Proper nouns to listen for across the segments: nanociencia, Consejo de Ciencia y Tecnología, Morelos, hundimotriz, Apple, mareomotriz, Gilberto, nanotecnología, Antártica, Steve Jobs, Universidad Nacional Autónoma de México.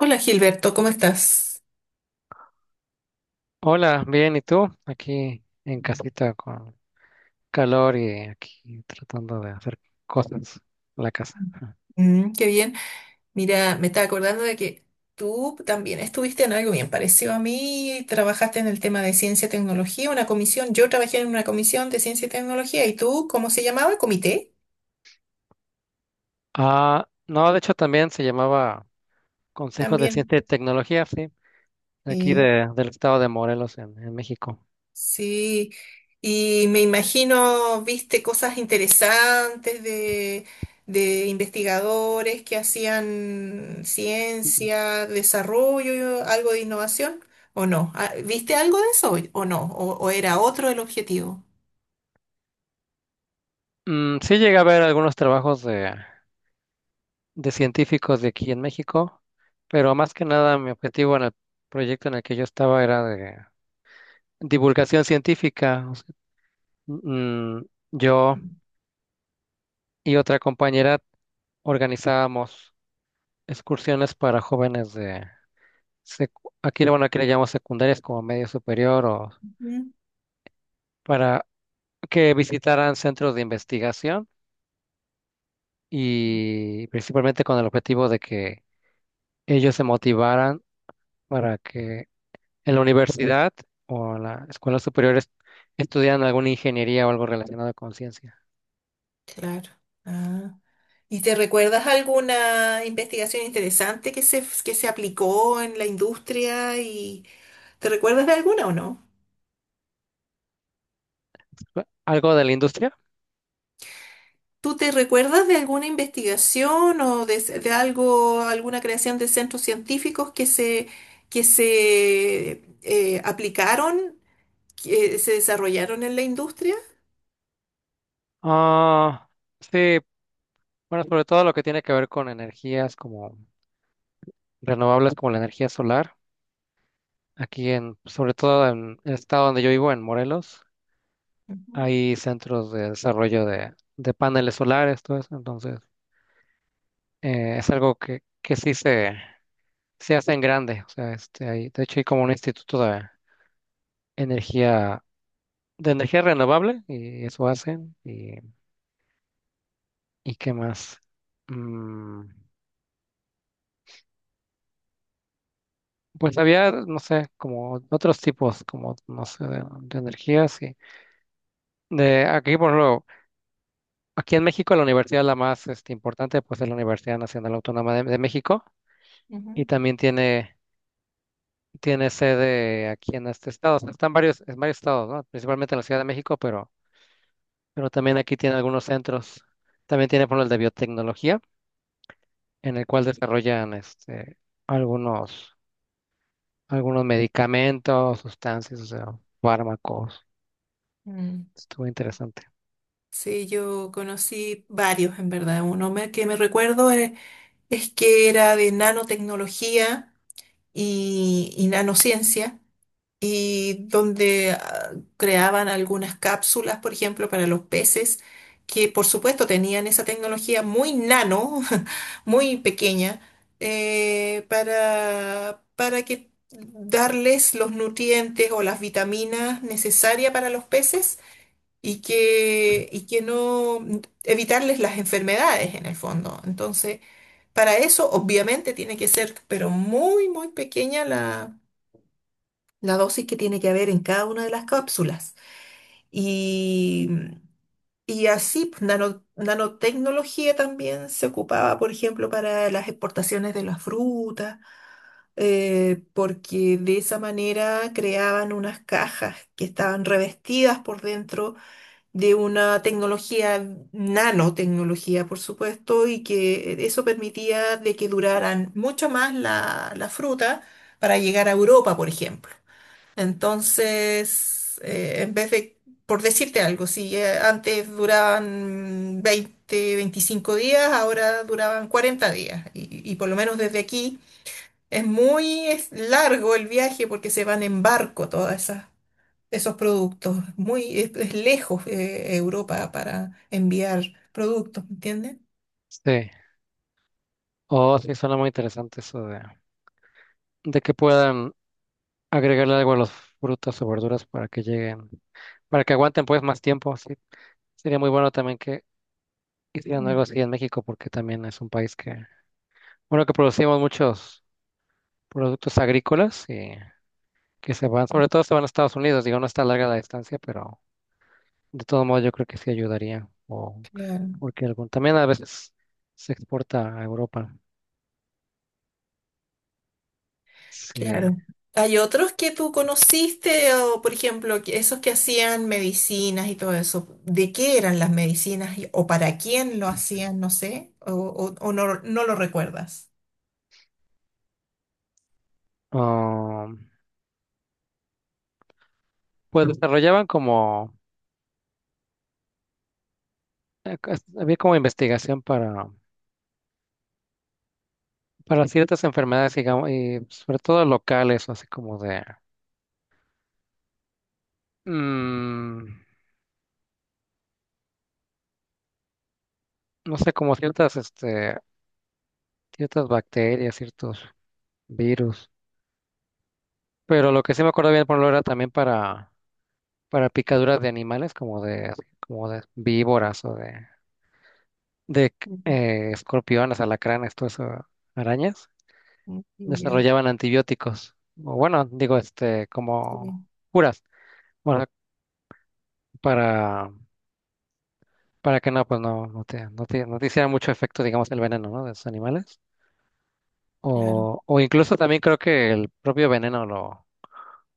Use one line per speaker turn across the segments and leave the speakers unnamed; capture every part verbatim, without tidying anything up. Hola Gilberto, ¿cómo estás?
Hola, bien, ¿y tú? Aquí en casita con calor y aquí tratando de hacer cosas en la casa.
Mm, qué bien. Mira, me estaba acordando de que tú también estuviste en algo bien parecido a mí, trabajaste en el tema de ciencia y tecnología, una comisión, yo trabajé en una comisión de ciencia y tecnología, ¿y tú cómo se llamaba? ¿Comité?
Ah, no, de hecho también se llamaba Consejo de
También.
Ciencia y Tecnología, sí, de aquí
Sí.
de, del estado de Morelos en, en México.
Sí, y me imagino, viste cosas interesantes de, de investigadores que hacían ciencia, desarrollo, algo de innovación, ¿o no? Ah, ¿viste algo de eso o no? ¿O, o era otro el objetivo?
Mm, sí llegué a ver algunos trabajos de, de científicos de aquí en México, pero más que nada mi objetivo en el proyecto en el que yo estaba era de divulgación científica. O sea, mm, yo y otra compañera organizábamos excursiones para jóvenes de secu- aquí, bueno, aquí le llamamos secundarias como medio superior o
Ujú.
para que visitaran centros de investigación y principalmente con el objetivo de que ellos se motivaran para que en la universidad o en la escuela superior est- estudiaran alguna ingeniería o algo relacionado con ciencia.
Claro. Ah. ¿Y te recuerdas alguna investigación interesante que se, que se aplicó en la industria y te recuerdas de alguna o no?
¿Algo de la industria?
¿Tú te recuerdas de alguna investigación o de, de algo, alguna creación de centros científicos que se, que se eh, aplicaron, que se desarrollaron en la industria?
Ah, sí, bueno, sobre todo lo que tiene que ver con energías como renovables, como la energía solar. Aquí en, sobre todo en el estado donde yo vivo, en Morelos,
Ujú,
hay centros de desarrollo de, de paneles solares, todo eso. Entonces, eh, es algo que, que sí se, se hacen grandes. O sea, este, hay, de hecho hay como un instituto de energía, de energía renovable y eso hacen. ¿Y, y qué más? Mm, pues había, no sé, como otros tipos, como, no sé, de, de energías. Y de aquí, por ejemplo, aquí en México la universidad la más este, importante, pues es la Universidad Nacional Autónoma de, de México y
ujú,
también tiene... Tiene sede aquí en este estado. O sea, están varios, en varios estados, ¿no? Principalmente en la Ciudad de México, pero pero también aquí tiene algunos centros. También tiene por el de biotecnología, en el cual desarrollan este, algunos, algunos medicamentos, sustancias, o sea, fármacos.
mm.
Estuvo interesante.
Sí, yo conocí varios en verdad. Uno me- que me recuerdo eh, es, que era de nanotecnología y, y nanociencia. Y donde ah, creaban algunas cápsulas, por ejemplo, para los peces, que por supuesto tenían esa tecnología muy nano, muy pequeña, eh, para, para que darles los nutrientes o las vitaminas necesarias para los peces y que, y que no evitarles las enfermedades en el fondo. Entonces, para eso obviamente tiene que ser, pero muy, muy pequeña la la dosis que tiene que haber en cada una de las cápsulas. Y, y así, pues, nano- nanotecnología también se ocupaba, por ejemplo, para las exportaciones de las frutas, eh, porque de esa manera creaban unas cajas que estaban revestidas por dentro de una tecnología, nanotecnología, por supuesto, y que eso permitía de que duraran mucho más la, la fruta para llegar a Europa, por ejemplo. Entonces, eh, en vez de, por decirte algo, si eh, antes duraban veinte, veinticinco días, ahora duraban cuarenta días. Y, y por lo menos desde aquí es muy es largo el viaje porque se van en barco todas esas. Esos productos, muy, es, es lejos eh, Europa para enviar productos, ¿me entiendes?
Sí. Oh, sí, suena muy interesante eso de, de que puedan agregarle algo a los frutas o verduras para que lleguen, para que aguanten pues más tiempo. Sí. Sería muy bueno también que hicieran algo
Mm.
así en México, porque también es un país que, bueno, que producimos muchos productos agrícolas y que se van, sobre todo se van a Estados Unidos, digo, no está larga la distancia, pero de todo modo yo creo que sí ayudaría, o
Claro.
porque algún, también a veces se exporta a Europa. Sí.
Claro. ¿Hay otros que tú conociste o, por ejemplo, que- esos que hacían medicinas y todo eso? ¿De qué eran las medicinas y- o para quién lo hacían? No sé, o, o- o no, no lo recuerdas.
Ah, pues desarrollaban como, eh, cos- había como investigación para, para ciertas enfermedades, digamos, y sobre todo locales, o así como de, mm, no sé, como ciertas, este, ciertas bacterias, ciertos virus. Pero lo que sí me acuerdo bien, por lo era también para Para picaduras de animales como de, como de víboras o de, de
Ujú,
eh, escorpiones, alacranes, todo eso, arañas,
ya,
desarrollaban antibióticos. O bueno, digo, este, como
sí,
curas. Bueno, para, para que no, pues no, no te, no te, no te hiciera mucho efecto, digamos, el veneno, ¿no? De esos animales.
claro.
O, o incluso también creo que el propio veneno lo,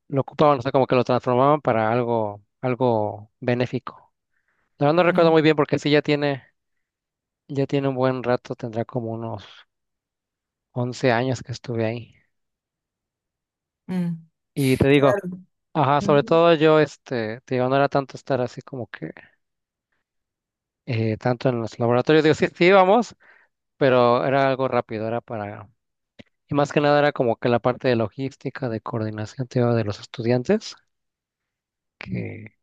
lo ocupaban, o sea, como que lo transformaban para algo, algo benéfico. La verdad no recuerdo
Mm,
muy bien porque sí ya tiene. Ya tiene un buen rato, tendrá como unos once años que estuve ahí.
mm,
Y te digo,
claro.
ajá, sobre
Ujú.
todo yo, este, te digo, no era tanto estar así como que eh, tanto en los laboratorios. Digo, sí, sí íbamos, pero era algo rápido, era para... Y más que nada era como que la parte de logística, de coordinación, te digo, de los estudiantes, que,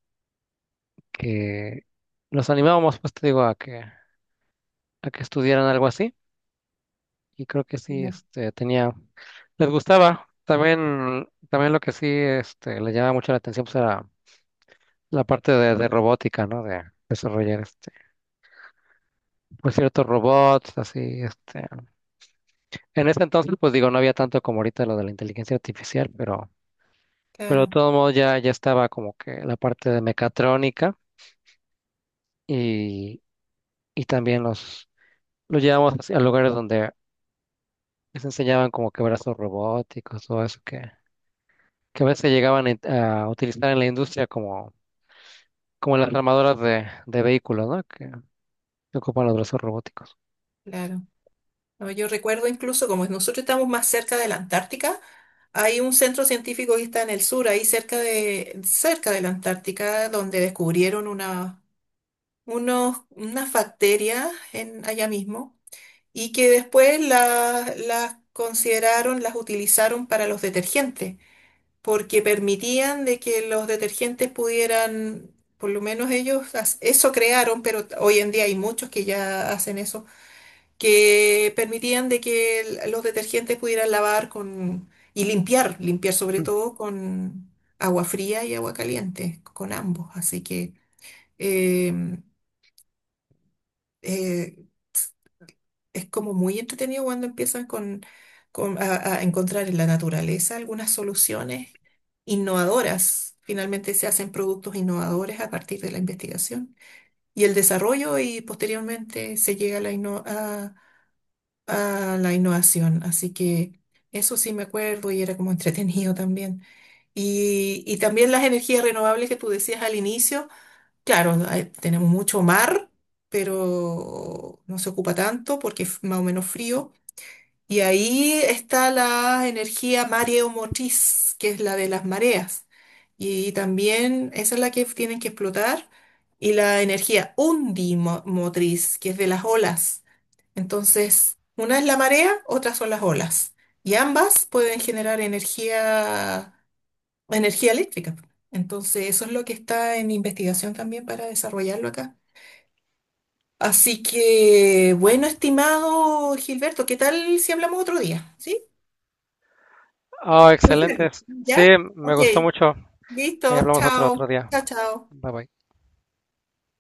que los animábamos, pues te digo, a que, a que estudiaran algo así. Y creo que sí,
Ya.
este, tenía, les gustaba. También, también lo que sí, este, les llamaba mucho la atención, pues era la parte de, de robótica, ¿no? De desarrollar, este, pues ciertos robots, así, este. En ese entonces, pues digo, no había tanto como ahorita lo de la inteligencia artificial, pero, pero de
Claro,
todo modo ya, ya estaba como que la parte de mecatrónica y, y también los, los llevamos así a lugares donde les enseñaban como que brazos robóticos, todo eso que que a veces llegaban en- a utilizar en la industria como, como las armadoras de, de vehículos, ¿no? Que, que ocupan los brazos robóticos.
claro. No, yo recuerdo incluso como nosotros estamos más cerca de la Antártica, hay un centro científico que está en el sur, ahí cerca de, cerca de la Antártica, donde descubrieron una, unos, unas bacterias en, allá mismo y que después la- las consideraron, las utilizaron para los detergentes, porque permitían de que los detergentes pudieran, por lo menos ellos as- eso crearon, pero hoy en día hay muchos que ya hacen eso, que permitían de que el- los detergentes pudieran lavar con y limpiar, limpiar sobre
Mm.
todo con agua fría y agua caliente, con ambos. Así que em, eh, es como muy entretenido cuando empiezan con, con- a, a encontrar en la naturaleza algunas soluciones innovadoras. Finalmente se hacen productos innovadores a partir de la investigación y el desarrollo y posteriormente se llega a la, inno- a, a la innovación. Así que eso sí me acuerdo y era como entretenido también. Y, y también las energías renovables que tú decías al inicio, claro, no, hay- tenemos mucho mar. Pero no se ocupa tanto porque es más o menos frío, y ahí está la energía mareomotriz, que es la de las mareas. Y también esa es la que tienen que explotar. Y la energía hundimotriz, que es de las olas. Entonces, una es la marea, otra son las olas. Y ambas pueden generar energía, energía eléctrica. Entonces, eso es lo que está en investigación también para desarrollarlo acá. Así que, bueno, estimado Gilberto, ¿qué tal si hablamos otro día? ¿Sí?
Oh,
No sé,
excelentes.
¿ya?
Sí, me
Ok,
gustó mucho. Ahí
listo,
hablamos otro otro
chao,
día.
chao, chao.
Bye bye.